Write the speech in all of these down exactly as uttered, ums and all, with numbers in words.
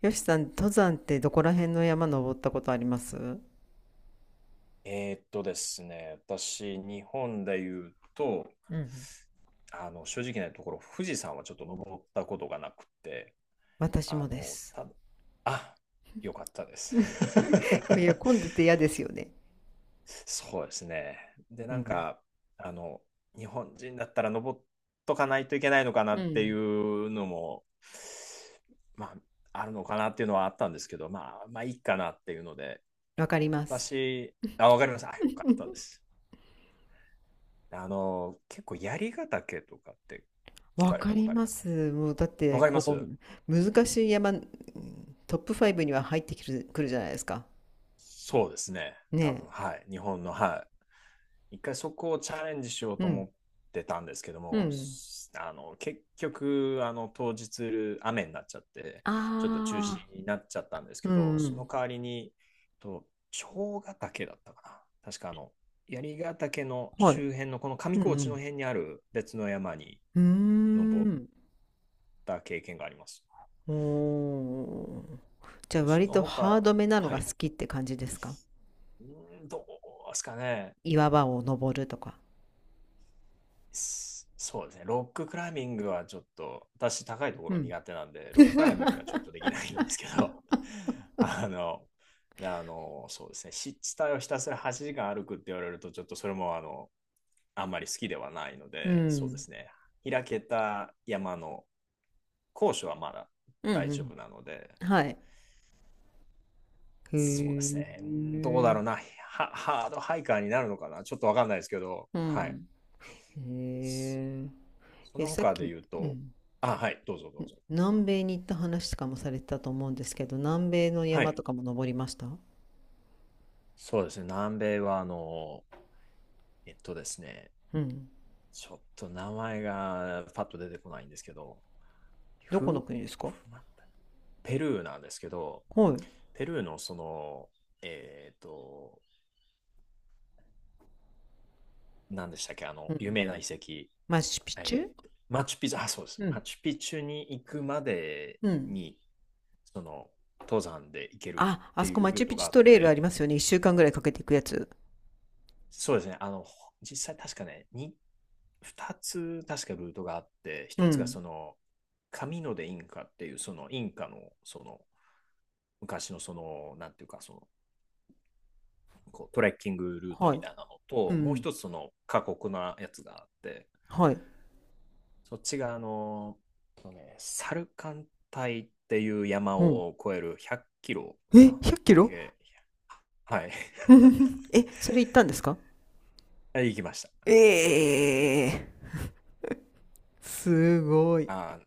よしさん、登山ってどこら辺の山登ったことありますうえーっとですね、私、日本で言うと、ん。あの、正直なところ、富士山はちょっと登ったことがなくて、私あもでの、す。た、あ、よかったです。いや、混んでて嫌ですよね。そうですね。で、うなんん。か、あの、日本人だったら登っとかないといけないのかなうっていん。うのも、まあ、あるのかなっていうのはあったんですけど、まあ、まあ、いいかなっていうので、わかります。私、あ、わかりました。あ、よかったで す。あの、結構、槍ヶ岳とかって聞わかれかたこりとありまますか？す。もうだっわてかりまこす。う難しい山。うん。トップファイブには入ってくる、くるじゃないですか。そうですね。多ね分、はい。日本の、はい。一回そこをチャレンジしようえ。うと思ん。ってたんですけどうも、ん。すあの、結局、あの、当日、雨になっちゃって、あちょっと中止あ。になっちゃったんですうけど、んうそのん。代わりに、と、蝶ヶ岳だったかな。確か、あの、槍ヶ岳のはい。周辺の、この上う高地のん辺にある別の山にうん。う登ーっん。た経験があります。おー。じゃあで、そ割のとハー他、ドめなのはがい。好きって感じですか？うーん、どうですかね。岩場を登るとか。すそうですね。ロッククライミングはちょっと、私高いとこうろん。苦手なんで、ロッククライミングがちょっ とできないんですけど、あの、であの、そうですね。湿地帯をひたすらはちじかん歩くって言われると、ちょっとそれもあの、あんまり好きではないのうで、そうでん。すね。開けた山の高所はまだう大丈ん夫なので、うん。はい。そうですへね。うん、どうだろえ。うな。ハ、ハードハイカーになるのかな。ちょっとわかんないですけど、うはい。ん。へそえ。え、のさっ他でき、言ううと、ん、あ、はい、どうぞどうぞ。南米に行った話とかもされてたと思うんですけど、南米のは山い。とかも登りました？そうですね、南米はあの、えっとですね、うん。ちょっと名前がパッと出てこないんですけど、どこのふ、国ですか？ふまペルーなんですけど、はい。ペルーのその、えっと、何でしたっけ、あうの、有ん。名な遺跡、マチュピチュ。えーマチュピチュ、あ、そうです、うマん。チュピチュに行くまでうん。に、その、登山で行けるあ、っあてそこいうマルチーュトピがチュあっとレールありて、ますよね。一週間ぐらいかけていくやつ。そうですね。あの、実際確かね、にふたつ確かルートがあって、うひとつがん。その、紙のでインカっていう、そのインカの、その、昔のその、なんていうか、その、こうトレッキングルートはみい。たいなのうと、もうん。ひとつその過酷なやつがあって、はい。そっちがあの、そうね、サルカン帯っていう山うん。を越えるひゃっキロえ、かな100キ合ロ 計。はい。え、それ行ったんですか？ 行きました。ええ、すごい。あ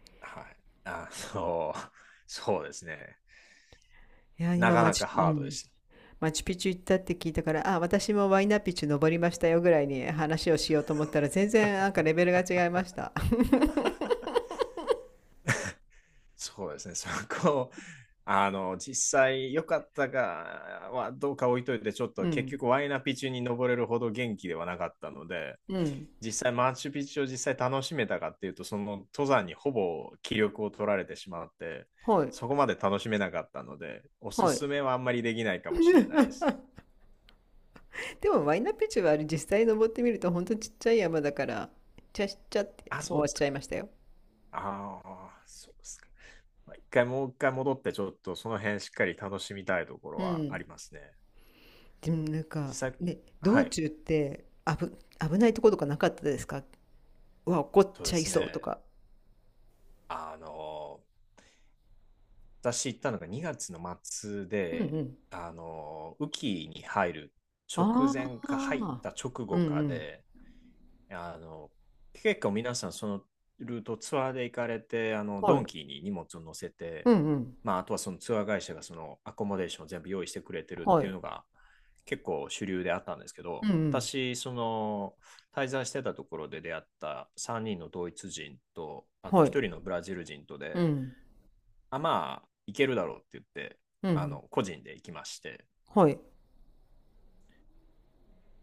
ー、はい。あー、そう、そうですね。いや、な今かマなかチ、うハードでん、した。マチュピチュ行ったって聞いたから、あ、私もワイナピチュ登りましたよぐらいに話をしようと思ったら、全然なんかレベルが違いました。そうですね、そこ、あの、実際良かったかはどうか置いといて、ちょっうと結ん、局ワイナピチュに登れるほど元気ではなかったので、うん、実際マッチュピチュを実際楽しめたかっていうと、その登山にほぼ気力を取られてしまって、はい、そこまで楽しめなかったので、おすはい。すめはあんまりできないかもしれないです。でもワイナピチュはあれ、実際登ってみると本当ちっちゃい山だから、ちゃしちゃって言っあ、て終そうわでっすちか。ゃいましたよ。ああ、そうですか。まあ一回もう一回戻って、ちょっとその辺しっかり楽しみたいところうはあん。りますね。でもなん実か、際、ね、は道い、中って危、危ないとことかなかったですか？うわ、怒っそうちでゃいすそうとね。か。あの、私行ったのがにがつの末うんうで、ん。あの、雨季に入る直あ前か入っあ。た直うん後うかん。で、あの、結構皆さんそのルートツアーで行かれて、あの、はドい。ンキーに荷物を乗せて、うんうん。まあ、あとはそのツアー会社がそのアコモデーションを全部用意してくれてるっはていい。うのが結構主流であったんですけうど、んうん。私、その滞在してたところで出会ったさんにんのドイツ人と、あとはい。ひとりのブラジル人とうで、ん。あ、まあ、行けるだろうって言って、うあん。の、個人で行きまして、はい。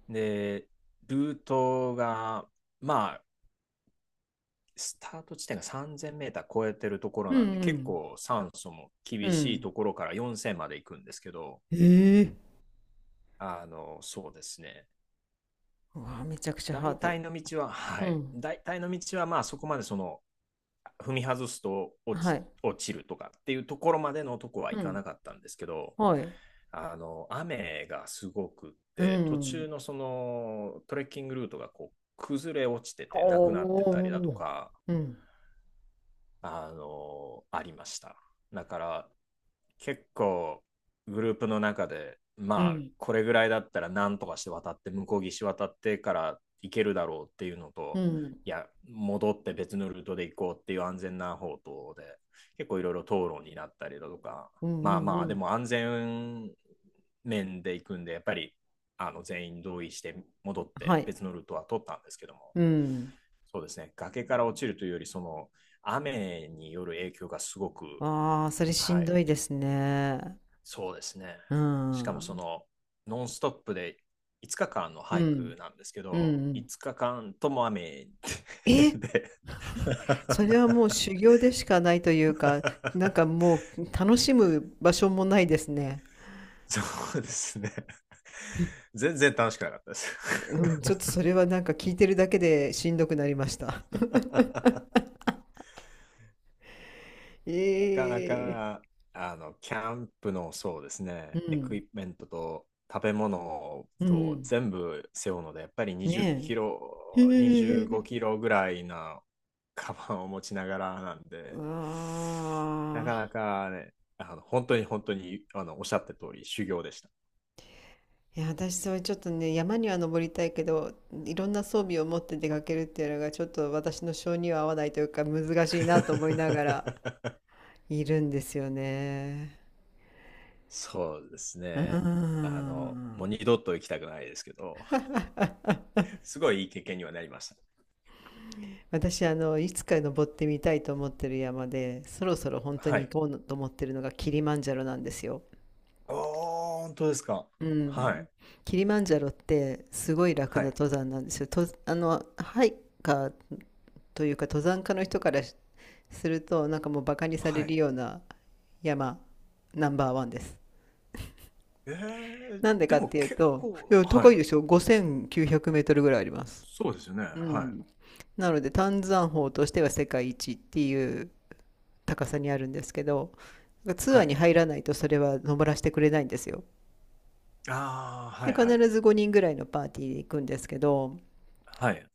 で、ルートが、まあ、スタート地点がさんぜんメーター超えてるところうなんんで、う結ん。構酸素もう厳しいん。ところからよんせんまで行くんですけど、ええ。あの、そうですね。うわ、めちゃくちゃハー大ド。体の道は、うはい。ん。大体の道は、まあそこまでその、踏み外すと落はち、い。落ちるとかっていうところまでのとこは行うかん。なかったんですけど、はい。あの、雨がすごくっうて、途中ん。のそのトレッキングルートがこう崩れ落ちててなくなっおてたりだとお。か、うん。あの、ありました。だから、結構、グループの中で、うまあ、ん。これぐらいだったら、なんとかして渡って、向こう岸渡ってから行けるだろうっていうのうと、ん。いや、戻って別のルートで行こうっていう安全な方とで、結構いろいろ討論になったりだとか、うまんあうんまうあ、でん。も安全面で行くんで、やっぱり、あの全員同意して戻っはてい。別のルートは取ったんですけども、うん。そうですね。崖から落ちるというより、その雨による影響がすごく、ああ、それしはんい、どいですね。そうですね。うしかもそん。のノンストップでいつかかんのうハイん。クなんですけうんうど、んうん。いつかかんとも雨 え。 で、それはもう修行でしかないというか、なん かもう楽しむ場所もないですね。そうですね。全然楽しくなかったです。うん、ち ょっとそれはなんか聞いてるだけでしんどくなりました。なかな ええ。か、あの、キャンプの、そうですうね、エクイん。プメントと食べ物うとん。全部背負うので、やっぱり20キねロ、え。へ25キえ。ロぐらいなカバンを持ちながらなんで、なあかなあ。かね、あの、本当に本当に、あの、おっしゃった通り、修行でした。いや、私それちょっとね、山には登りたいけど、いろんな装備を持って出かけるっていうのがちょっと私の性には合わないというか難しいなと思いながら いるんですよね。そうですうーね。あの、もうん。二度と行きたくないですけど、すごいいい経験にはなりました。私、あのいつか登ってみたいと思ってる山でそろそろ本当はにい。行こうと思ってるのがキリマンジャロなんですよ。ああ、本当ですか。うはん、い。キリマンジャロってすごい楽はない。登山なんですよ。と、あのハイカーというか登山家の人からすると、なんかもうバカにさはれるい。ような山ナンバーワンです。ええ、なんででかってもいう結と、い構、やは高いでい。しょ？ ごせんきゅうひゃく メートルぐらいあります。そうですよね。うはい。ん。なので丹山峰としては世界一っていう高さにあるんですけど、ツはアーにい。入らないとそれは登らせてくれないんですよ。ああ、はで、い必はい。ずごにんぐらいのパーティーで行くんですけど、はい。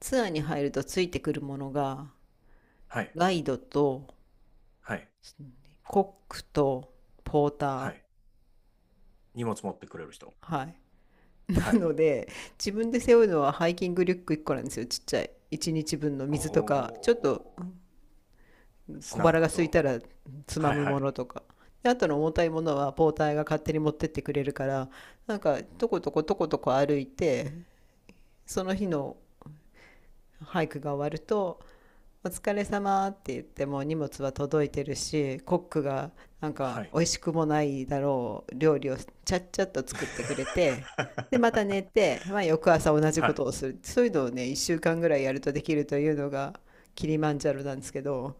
ツアーに入るとついてくるものがはい。ガイドとはい。コックとポータはー、い。荷物持ってくれる人。はい。は ない。ので、自分で背負うのはハイキングリュックいっこなんですよ、ちっちゃい。いちにちぶんのお水とか、ちょっとお、ス小ナッ腹がク空いと。たらつまはいむはもい。のとか。で、あとの重たいものはポーターが勝手に持ってってくれるから、なんか、とことことことこ歩いて、その日のハイクが終わると、「お疲れ様」って言っても荷物は届いてるし、コックがなんかはい。美味しくもないだろう料理をちゃっちゃっと作ってくれて、でまた 寝て、まあ、翌朝同じはことい。をする。そういうのをね、いっしゅうかんぐらいやるとできるというのがキリマンジャロなんですけど、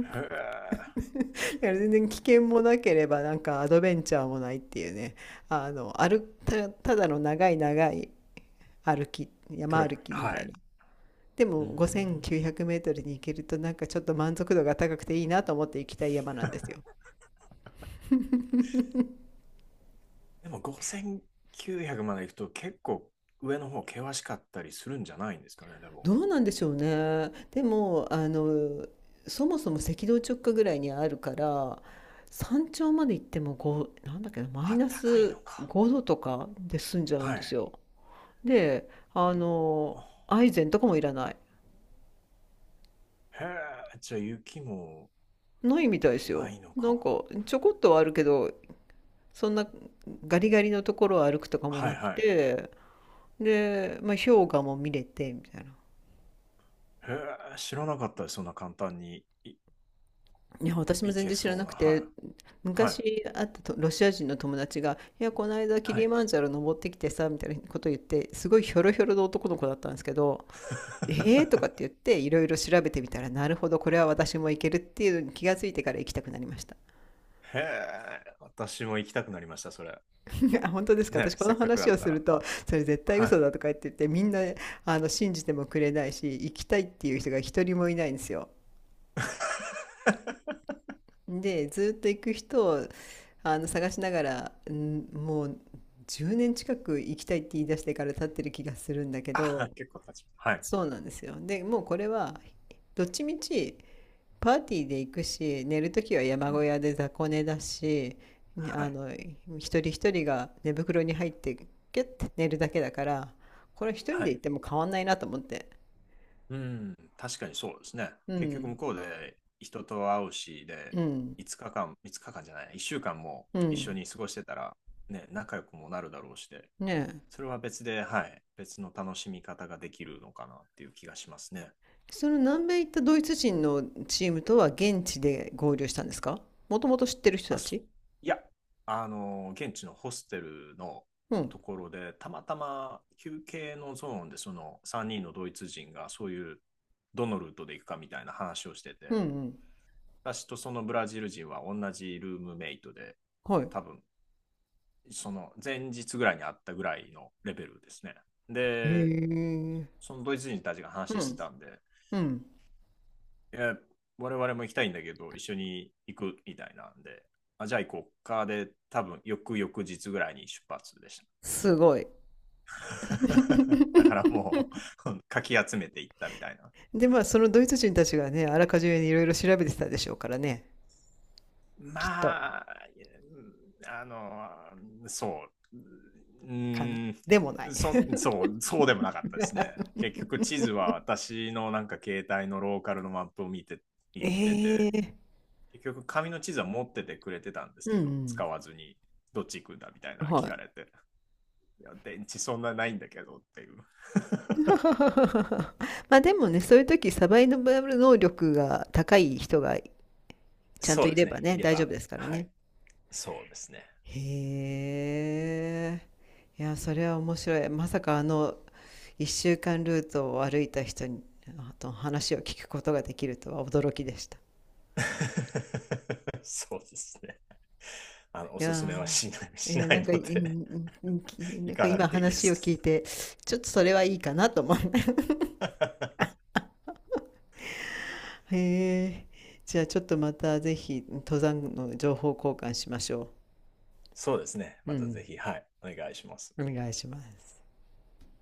へえ。だから全然危険もなければなんかアドベンチャーもないっていうね、あの歩た、ただの長い長い歩き、ト山レ、歩きみはたいい。な。でうもー5900ん、メートルに行けるとなんかちょっと満足度が高くていいなと思って行きたい山なんですよ。でもごせんきゅうひゃくまで行くと結構上の方険しかったりするんじゃないんですかね、でも。どうなんでしょうね。でも、あのそもそも赤道直下ぐらいにあるから、山頂まで行ってもごなんだっけな、マあイっナたかいスのか。ごどとかで済んじゃうんはですい。よ。で、おあのお。アイゼンとかもいらない。へえ、じゃあ雪もないみたいですなよ。いのなんか。かちょこっとはあるけど、そんなガリガリのところを歩くとかもはいなくはい。て、で、まあ、氷河も見れて、みたいな。へえ、知らなかったです、そんな簡単にいいや、私も行全け然知らそうなな。くて、はい。はい。昔会ったとロシア人の友達が「いや、この間キはリい。マンジャロ登ってきてさ」みたいなことを言って、すごいひょろひょろの男の子だったんですけど、「えー？」とかって 言っていろいろ調べてみたら、なるほどこれは私も行けるっていうのに気がついてから行きたくなりました。 へえ、私も行きたくなりました、それ。あ、本当ですか？ね、私このせっかくだ話をったするら。と、それ絶対は嘘い。だとか言って言ってみんな、あの信じてもくれないし、行きたいっていう人が一人もいないんですよ。で、ずっと行く人を、あの探しながら、んもうじゅうねん近く行きたいって言い出してから経ってる気がするんだけど、あ、結構経ちます。はい。そうなんですよ。で、もうこれは、どっちみちパーティーで行くし、寝るときはう山小ん。屋で雑魚寝だし、はあい。の、一人一人が寝袋に入ってキュッて寝るだけだから、これ一人はで行っい。ても変わんないなと思って。うん、確かにそうですね。う結局向ん、こうで人と会うし、で、うん、いつかかん、いつかかんじゃない、いっしゅうかんもう一緒ん。に過ごしてたら、ね、仲良くもなるだろうしで、ねえ。それは別で、はい、別の楽しみ方ができるのかなっていう気がしますね。その南米行ったドイツ人のチームとは現地で合流したんですか？もともと知ってる人あ、たそ、ち？いや、あの、現地のホステルのうん。ところで、たまたま休憩のゾーンで、そのさんにんのドイツ人がそういう、どのルートで行くかみたいな話をしてうんて、うん。私とそのブラジル人は同じルームメイトで、はい。多分その前日ぐらいに会ったぐらいのレベルですね。へで、え。そのドイツ人たちがう話しん。てたんで、うん。いや、我々も行きたいんだけど、一緒に行くみたいなんで、あじゃあ行こうかで、多分翌々日ぐらいに出発でした。すごい。だから もう かき集めていったみたいな。で、まあ、そのドイツ人たちがね、あらかじめにいろいろ調べてたでしょうからね、まきっと。あ、あの、そう、うかな。ん、でもない。そそ う、そうでもなかったですね。結局、地図は私のなんか携帯のローカルのマップを見て、行ってて、ええ。結局、紙の地図は持っててくれてたんですうけど、使んわずに、どっち行くんだみたいうん。なの聞はかれい。て、いや、電池そんなないんだけどっていう。まあでもね、そういう時サバイバル能力が高い人がちゃんとそういですればね、ね、いれ大丈夫ば。ですからはね。い、そうですね。へえ。いや、それは面白い。まさか、あの、一週間ルートを歩いた人に、あと話を聞くことができるとは驚きでした。そうですね。あの、おいすすやめはしない、ー、いしや、なないんか、いのいで、んき、な行んかかなく今ていいで話をす。聞いて、ちょっとそれはいいかなと思う。へえ。じゃあちょっとまたぜひ登山の情報交換しましょそうですね。う。うまたん、ぜひ、はい、お願いします。お願いします。